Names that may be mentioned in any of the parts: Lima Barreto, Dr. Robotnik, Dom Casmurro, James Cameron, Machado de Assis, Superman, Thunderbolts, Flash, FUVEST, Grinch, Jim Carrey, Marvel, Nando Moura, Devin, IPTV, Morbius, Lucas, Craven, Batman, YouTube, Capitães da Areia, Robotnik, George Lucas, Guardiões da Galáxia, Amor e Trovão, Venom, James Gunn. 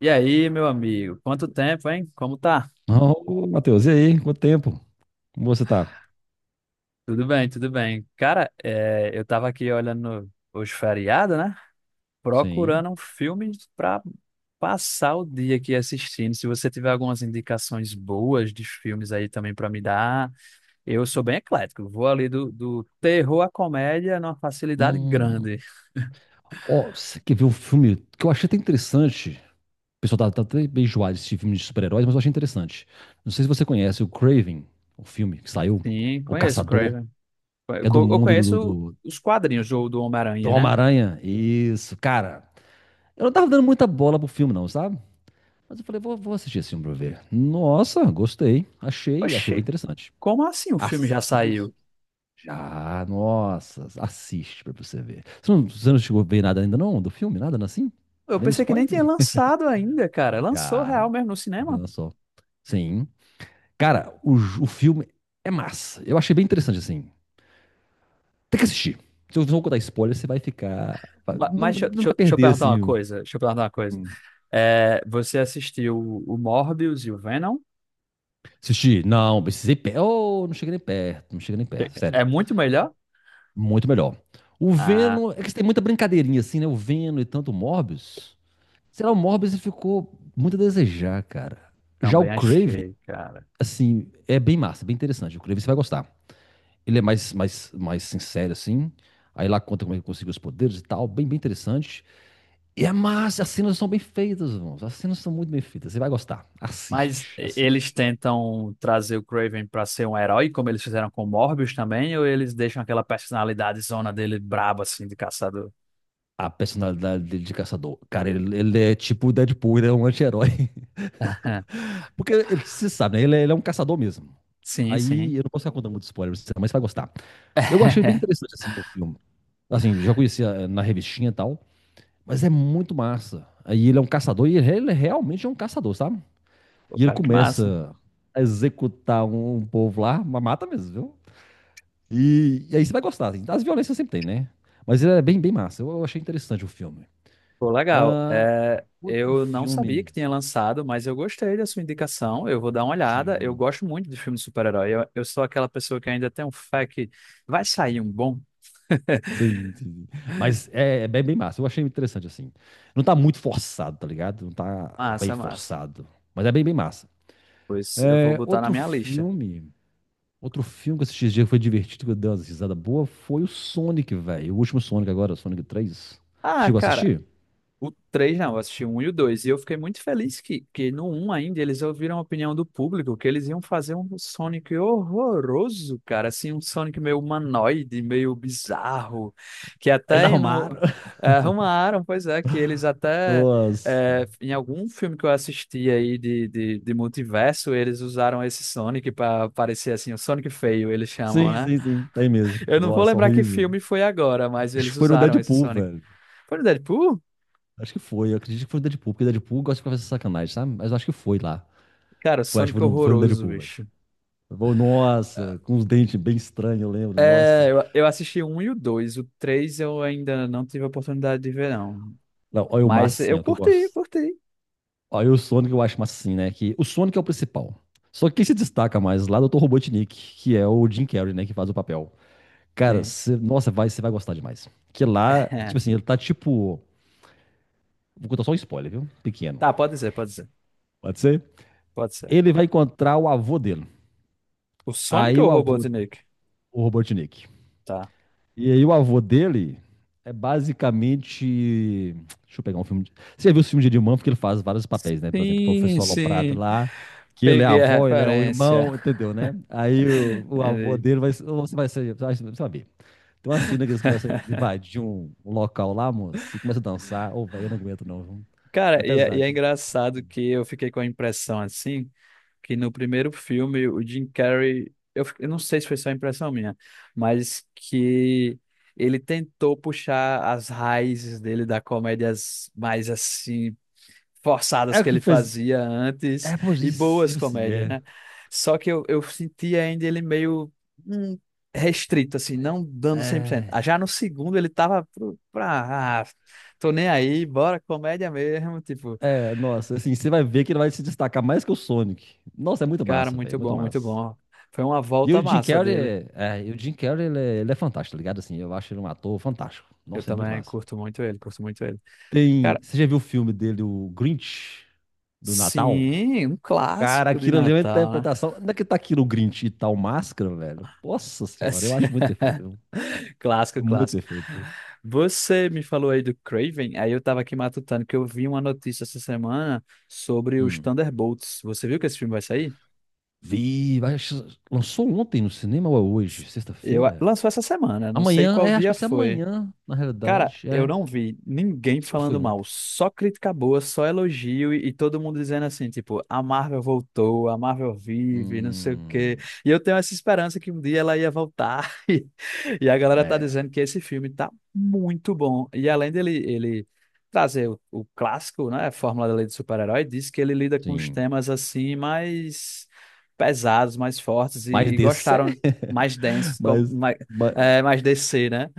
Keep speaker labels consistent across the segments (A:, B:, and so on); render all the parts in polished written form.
A: E aí, meu amigo? Quanto tempo, hein? Como tá?
B: Ô, Matheus, e aí? Quanto tempo? Como você tá?
A: Tudo bem, tudo bem. Cara, é, eu tava aqui olhando os feriados, né?
B: Sim.
A: Procurando um filme pra passar o dia aqui assistindo. Se você tiver algumas indicações boas de filmes aí também pra me dar, eu sou bem eclético. Vou ali do terror à comédia numa facilidade
B: Hum.
A: grande.
B: Ó, você quer ver um filme que eu achei até interessante? O pessoal tá até bem enjoado desse filme de super-heróis, mas eu achei interessante. Não sei se você conhece o Craven, o filme que saiu,
A: Sim,
B: O
A: conheço o
B: Caçador,
A: Craven. Eu
B: que é do
A: co- eu
B: mundo
A: conheço
B: do
A: os quadrinhos do
B: do
A: Homem-Aranha, né?
B: Homem-Aranha. Isso, cara. Eu não tava dando muita bola pro filme, não, sabe? Mas eu falei, vou assistir esse filme pra ver. Nossa, gostei. Achei bem
A: Oxi,
B: interessante.
A: como assim o filme já
B: Assista.
A: saiu?
B: Já, nossa, assiste pra você ver. Você não chegou a ver nada ainda não do filme? Nada assim?
A: Eu
B: Nem
A: pensei que nem tinha
B: spoiler?
A: lançado ainda, cara. Lançou real
B: Já,
A: mesmo no cinema?
B: olha só. Sim. Cara, o filme é massa. Eu achei bem interessante, assim. Tem que assistir. Se eu não contar spoiler, você vai
A: Ma-
B: não,
A: Mas deixa,
B: não
A: deixa-
B: vai
A: deixa eu
B: perder,
A: perguntar uma
B: assim.
A: coisa. Deixa eu perguntar uma coisa.
B: Um-
A: É, você assistiu o Morbius e o Venom?
B: Assistir. Não, oh, não cheguei nem perto. Não cheguei nem perto, sério.
A: É muito melhor?
B: Muito melhor. O
A: Ah,
B: Venom... é que tem muita brincadeirinha, assim, né? O Venom e tanto o Morbius... Sei lá, o Morbius ficou muito a desejar, cara. Já o
A: também
B: Craven,
A: achei, cara.
B: assim, é bem massa, bem interessante. O Craven você vai gostar. Ele é mais sincero, assim. Aí lá conta como é que conseguiu os poderes e tal. Bem interessante. E é massa, as cenas são bem feitas, irmãos. As cenas são muito bem feitas. Você vai gostar.
A: Mas
B: Assiste,
A: e- eles
B: assiste.
A: tentam trazer o Craven pra ser um herói, como eles fizeram com o Morbius também, ou eles deixam aquela personalidade zona dele braba, assim, de caçador?
B: A personalidade dele de caçador. Cara, ele é tipo o Deadpool, ele é um anti-herói. Porque ele, você sabe, né? Ele é um caçador mesmo.
A: Sim, sim.
B: Aí eu não posso ficar contando muito spoiler pra você, mas você vai gostar. Eu achei bem interessante assim, o filme. Assim, já conhecia na revistinha e tal, mas é muito massa. Aí ele é um caçador e ele realmente é um caçador, sabe?
A: Pô,
B: E ele
A: cara, que massa.
B: começa a executar um povo lá, mas mata mesmo, viu? E aí você vai gostar, assim. As violências sempre tem, né? Mas ele é bem massa. Eu achei interessante o filme.
A: Pô, legal.
B: Ah,
A: É,
B: outro
A: eu não sabia
B: filme.
A: que tinha lançado, mas eu gostei da sua indicação. Eu vou dar uma olhada. Eu
B: Sim.
A: gosto muito de filme de super-herói. Eu sou aquela pessoa que ainda tem um fé que vai sair um bom.
B: Sim, sim, sim. Mas é bem massa. Eu achei interessante, assim. Não tá muito forçado, tá ligado? Não tá bem
A: Massa, massa.
B: forçado. Mas é bem massa.
A: Pois eu vou
B: É,
A: botar na
B: outro
A: minha lista.
B: filme. Outro filme que eu assisti esse dia que foi divertido, que eu dei umas risadas boas, foi o Sonic, velho. O último Sonic agora, o Sonic três.
A: Ah,
B: Chegou a
A: cara,
B: assistir?
A: o 3 não, eu assisti o 1 e o dois. E eu fiquei muito feliz que no um ainda eles ouviram a opinião do público, que eles iam fazer um Sonic horroroso, cara. Assim, um Sonic meio humanoide, meio bizarro. Que
B: Eles
A: até no,
B: arrumaram.
A: arrumaram, pois é, que eles até.
B: Nossa.
A: Em algum filme que eu assisti aí de multiverso, eles usaram esse Sonic para parecer assim, o Sonic feio, eles chamam,
B: Sim,
A: né?
B: sim, sim. Tem mesmo.
A: Eu não vou
B: Nossa,
A: lembrar que
B: horrível.
A: filme foi agora, mas
B: Acho
A: eles
B: que foi no
A: usaram esse
B: Deadpool,
A: Sonic.
B: velho.
A: Foi no Deadpool?
B: Acho que foi, eu acredito que foi o Deadpool, porque Deadpool gosta de fazer sacanagem, sabe? Mas eu acho que foi lá.
A: Cara,
B: Foi, acho que
A: Sonic é
B: foi foi no
A: horroroso,
B: Deadpool, velho.
A: bicho.
B: Nossa, com os dentes bem estranhos, eu lembro, nossa.
A: É, eu assisti o 1 e o 2. O 3 eu ainda não tive a oportunidade de ver, não.
B: Não, olha o massa
A: Mas
B: assim,
A: eu
B: ó, que eu
A: curti,
B: gosto.
A: curti.
B: Olha o Sonic, eu acho massa assim, né? Que o Sonic é o principal. Só que quem se destaca mais lá é o Dr. Robotnik, que é o Jim Carrey, né? Que faz o papel. Cara,
A: Sim.
B: nossa, vai, você vai gostar demais. Que lá, tipo assim, ele tá tipo. Vou contar só um spoiler, viu? Pequeno.
A: Tá, pode ser, pode ser.
B: Pode ser?
A: Pode ser.
B: Ele vai encontrar o avô dele.
A: O Sonic
B: Aí
A: ou o
B: o avô,
A: Robotnik?
B: o Robotnik.
A: Tá.
B: E aí o avô dele é basicamente. Deixa eu pegar um filme. Você já viu o filme de Eddie Murphy que ele faz vários papéis, né? Por exemplo, o
A: Sim,
B: professor Aloprado
A: sim.
B: lá, que ele é a
A: Peguei a
B: avó, ele é o
A: referência.
B: irmão, entendeu, né? Aí o avô
A: Entendi.
B: dele vai. Você vai ser. Você vai saber. Tem uma cena que eles começam a invadir um local lá, moço, e começa a dançar. Ô, velho, eu não aguento, não, viu? É
A: Cara, e
B: pesado.
A: é engraçado que eu fiquei com a impressão assim, que no primeiro filme o Jim Carrey, eu não sei se foi só impressão minha, mas que ele tentou puxar as raízes dele da comédias mais assim forçadas
B: É o
A: que
B: que
A: ele
B: fez.
A: fazia antes
B: É por
A: e
B: isso,
A: boas
B: tipo assim,
A: comédias,
B: é.
A: né? Só que eu senti ainda ele meio hum, restrito, assim, não dando 100%. Ah,
B: É,
A: já no segundo ele tava pra, tô nem aí, bora comédia mesmo, tipo,
B: é, nossa, assim, você vai ver que ele vai se destacar mais que o Sonic. Nossa, é muito
A: cara,
B: massa, velho, é
A: muito
B: muito
A: bom, muito
B: massa.
A: bom. Foi uma
B: E
A: volta
B: o Jim
A: massa
B: Carrey,
A: dele.
B: e o Jim Carrey, ele é fantástico, tá ligado? Assim, eu acho ele um ator fantástico.
A: Eu
B: Nossa, é muito
A: também
B: massa.
A: curto muito ele, curto muito ele.
B: Tem,
A: Cara,
B: você já viu o filme dele, o Grinch, do Natal?
A: sim, um
B: Cara,
A: clássico de
B: aquilo ali é uma
A: Natal, né?
B: interpretação. Onde é que tá aquilo, o Grinch e tal máscara, velho? Nossa senhora, eu
A: Assim,
B: acho muito perfeito, viu? É
A: clássico,
B: muito
A: clássico.
B: perfeito.
A: Você me falou aí do Craven, aí eu tava aqui matutando que eu vi uma notícia essa semana sobre os
B: Hum.
A: Thunderbolts. Você viu que esse filme vai sair?
B: Vi, acho- lançou ontem no cinema ou é hoje? Sexta-feira?
A: Lançou essa semana, não sei
B: Amanhã,
A: qual
B: é, acho que
A: dia
B: vai ser
A: foi.
B: amanhã, na
A: Cara,
B: realidade,
A: eu
B: é.
A: não vi ninguém
B: Ou foi
A: falando mal,
B: ontem?
A: só crítica boa, só elogio e todo mundo dizendo assim, tipo, a Marvel voltou, a Marvel vive, não sei o quê.
B: Hum,
A: E eu tenho essa esperança que um dia ela ia voltar. E, e a galera tá
B: é,
A: dizendo que esse filme tá muito bom. E além dele ele trazer o clássico, né, a fórmula da lei do super-herói, diz que ele lida com os
B: sim.
A: temas assim mais pesados, mais fortes e,
B: Mais
A: e
B: DC.
A: gostaram mais densos, como,
B: Mais,
A: mais,
B: mais,
A: é, mais DC, né?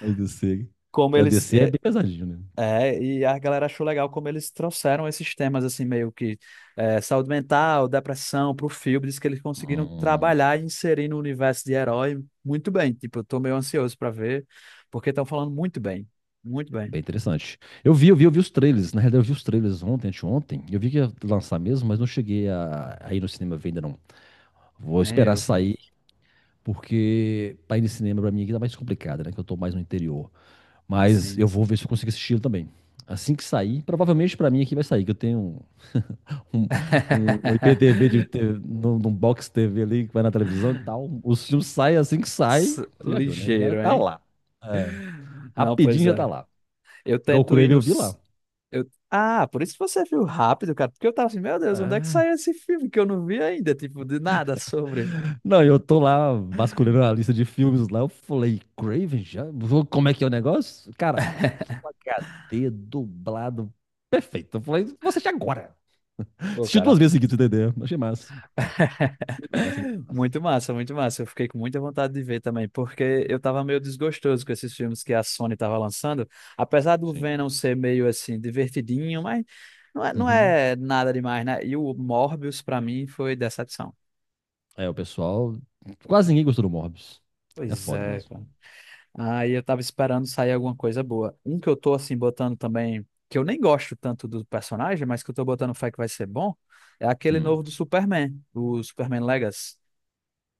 B: mais DC.
A: Como
B: Que a
A: eles
B: DC é bem pesadinho, né?
A: é, e a galera achou legal como eles trouxeram esses temas, assim, meio que é, saúde mental, depressão pro filme. Diz que eles conseguiram
B: Hum,
A: trabalhar e inserir no universo de herói muito bem. Tipo, eu tô meio ansioso pra ver, porque estão falando muito bem. Muito bem.
B: bem interessante. Eu vi os trailers. Na realidade, eu vi os trailers ontem, anteontem. Eu vi que ia lançar mesmo, mas não cheguei a ir no cinema ver ainda não. Vou
A: Nem
B: esperar
A: eu, cara.
B: sair, porque pra ir no cinema pra mim aqui tá mais complicado, né? Que eu tô mais no interior. Mas
A: Sim,
B: eu vou
A: sim.
B: ver se eu consigo assistir ele também. Assim que sair, provavelmente pra mim aqui vai sair, que eu tenho um, um IPTV num box TV ali que vai na televisão e tal. Os filmes saem assim que sai, você já viu, né? Já
A: Ligeiro,
B: tá
A: hein?
B: lá. É,
A: Não, pois
B: rapidinho já tá
A: é.
B: lá.
A: Eu tento ir
B: Golcurave eu vi lá.
A: nos. Ah, por isso que você viu rápido, cara. Porque eu tava assim, meu Deus, onde é que
B: É.
A: saiu esse filme que eu não vi ainda? Tipo, de nada sobre.
B: Não, eu tô lá vasculhando a lista de filmes lá. Eu falei, Craven já? Como é que é o negócio? Cara, Full HD dublado perfeito. Eu falei, vou assistir agora.
A: Pô,
B: Assisti duas
A: cara.
B: vezes seguidas, entendeu? Achei massa. Muito massa, muito massa.
A: Muito massa, muito massa. Eu fiquei com muita vontade de ver também, porque eu tava meio desgostoso com esses filmes que a Sony tava lançando. Apesar do
B: Sim.
A: Venom ser meio assim, divertidinho, mas não é, não
B: Uhum.
A: é nada demais, né? E o Morbius, pra mim, foi decepção.
B: É, o pessoal. Quase ninguém gostou do Morbius. É
A: Pois
B: foda
A: é,
B: mesmo.
A: cara. Aí eu tava esperando sair alguma coisa boa. Um que eu tô assim botando também, que eu nem gosto tanto do personagem, mas que eu tô botando fé que vai ser bom, é aquele
B: Hum.
A: novo do Superman, o Superman Legacy.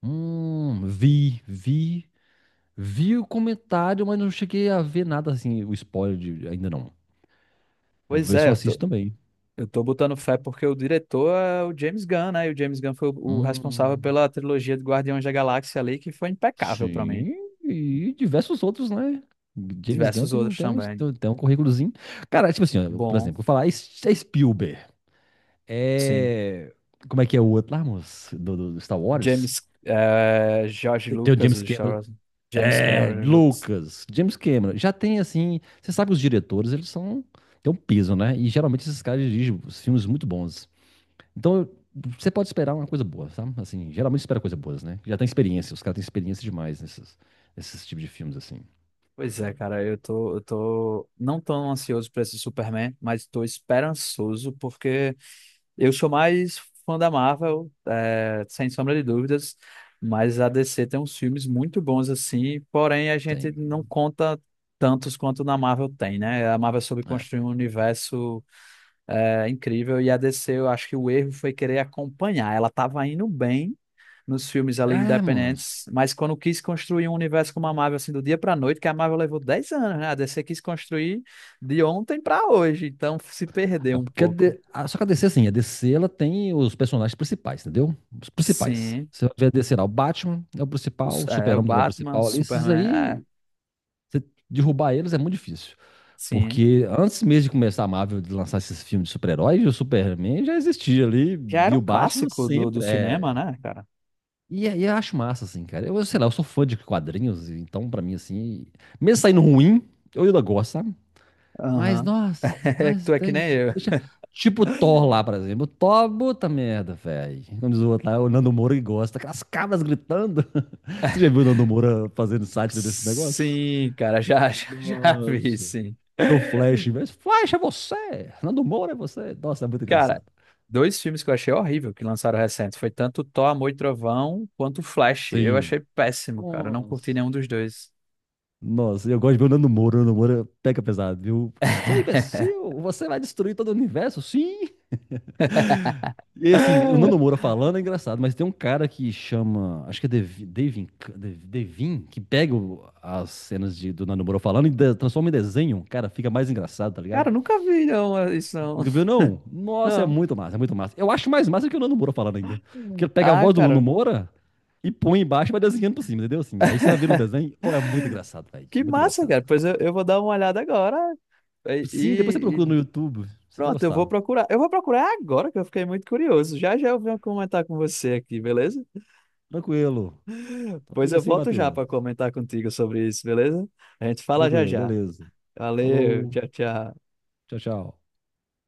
B: Vi, vi. Vi o comentário, mas não cheguei a ver nada assim, o ainda não. Vou
A: Pois
B: ver se
A: é,
B: eu
A: eu
B: assisto
A: tô.
B: também.
A: Eu tô botando fé porque o diretor é o James Gunn, né? E o James Gunn foi o responsável
B: Hum,
A: pela trilogia de Guardiões da Galáxia ali, que foi impecável pra mim.
B: sim, e diversos outros, né? James Gunn
A: Diversos outros também.
B: tem um currículozinho. Cara, tipo assim, ó, por
A: Bom,
B: exemplo, vou falar, é Spielberg.
A: sim.
B: É. Como é que é o outro lá, moço? Do Star Wars?
A: George
B: Tem o
A: Lucas,
B: James
A: o Star
B: Cameron.
A: Wars. James
B: É,
A: Cameron Lucas.
B: Lucas, James Cameron, já tem assim, você sabe que os diretores, têm um peso, né? E geralmente esses caras dirigem filmes muito bons. Então, eu- você pode esperar uma coisa boa, sabe? Assim, geralmente espera coisa boas, né? Já tem experiência, os caras têm experiência demais nesses tipos de filmes, assim.
A: Pois é, cara, eu tô não tão ansioso pra esse Superman, mas tô esperançoso porque eu sou mais fã da Marvel, é, sem sombra de dúvidas, mas a DC tem uns filmes muito bons assim, porém a gente
B: Tem.
A: não conta tantos quanto na Marvel tem, né? A Marvel soube
B: É,
A: construir um universo é, incrível e a DC, eu acho que o erro foi querer acompanhar. Ela estava indo bem nos filmes ali
B: é moço.
A: independentes, mas quando quis construir um universo como a Marvel, assim, do dia para noite, que a Marvel levou 10 anos, né? A DC quis construir de ontem para hoje, então se perdeu
B: É
A: um
B: porque
A: pouco.
B: Só que a DC, assim, a DC, ela tem os personagens principais, entendeu? Os principais.
A: Sim.
B: Você vai ver a DC lá, o Batman é o
A: O,
B: principal, o
A: é, o
B: Super-Homem também é o
A: Batman,
B: principal ali, esses
A: Superman,
B: aí, você derrubar eles é muito difícil.
A: sim.
B: Porque antes mesmo de começar a Marvel de lançar esses filmes de super-heróis, o Superman já existia ali,
A: Já
B: e
A: era
B: o
A: um
B: Batman
A: clássico do, do
B: sempre
A: cinema,
B: é.
A: né, cara?
B: E aí eu acho massa, assim, cara. Eu, sei lá, eu sou fã de quadrinhos, então pra mim, assim, mesmo saindo ruim, eu ainda gosto, sabe? Mas,
A: Aham.
B: nossa,
A: É que
B: mas
A: tu é que
B: tem.
A: nem eu.
B: Tipo o Thor lá, por exemplo. O Thor, puta merda, velho. Como diz o outro lá, o Nando Moura que gosta, aquelas cabras gritando. Você já viu o Nando Moura fazendo sátira desse negócio?
A: Sim, cara, já, já, já vi,
B: Nossa
A: sim.
B: do Flash. Mas Flash é você! Nando Moura é você! Nossa, é muito
A: Cara,
B: engraçado.
A: dois filmes que eu achei horrível que lançaram recente. Foi tanto Thor, Amor e Trovão quanto Flash. Eu
B: Sim.
A: achei péssimo, cara. Eu não curti
B: Nossa.
A: nenhum dos dois.
B: Nossa, eu gosto de ver o Nando Moura. O Nando Moura pega pesado, viu? Seu imbecil, você vai destruir todo o universo? Sim! E assim, o Nando Moura falando é engraçado, mas tem um cara que chama, acho que é Devin, que pega as cenas do Nando Moura falando e transforma em desenho. Cara, fica mais engraçado, tá
A: Cara,
B: ligado?
A: eu nunca vi, não, isso não.
B: Viu, não? Nossa, é
A: Não.
B: muito massa, é muito massa. Eu acho mais massa que o Nando Moura falando ainda. Porque ele pega a
A: Ah,
B: voz do Nando
A: cara,
B: Moura e põe embaixo e vai desenhando por cima, entendeu? Assim, aí você vai ver o desenho, oh é muito engraçado, velho.
A: que
B: Muito
A: massa,
B: engraçado.
A: cara. Pois eu vou dar uma olhada agora. E,
B: Sim, depois você
A: e-
B: procura no YouTube, você vai
A: Pronto, eu vou
B: gostar.
A: procurar. Eu vou procurar agora que eu fiquei muito curioso. Já já eu venho comentar com você aqui, beleza?
B: Tranquilo. Então
A: Depois
B: fica
A: eu
B: assim,
A: volto já
B: Matheus.
A: para comentar contigo sobre isso, beleza? A gente fala já
B: Tranquilo,
A: já.
B: beleza.
A: Valeu,
B: Falou.
A: tchau, tchau.
B: Tchau, tchau.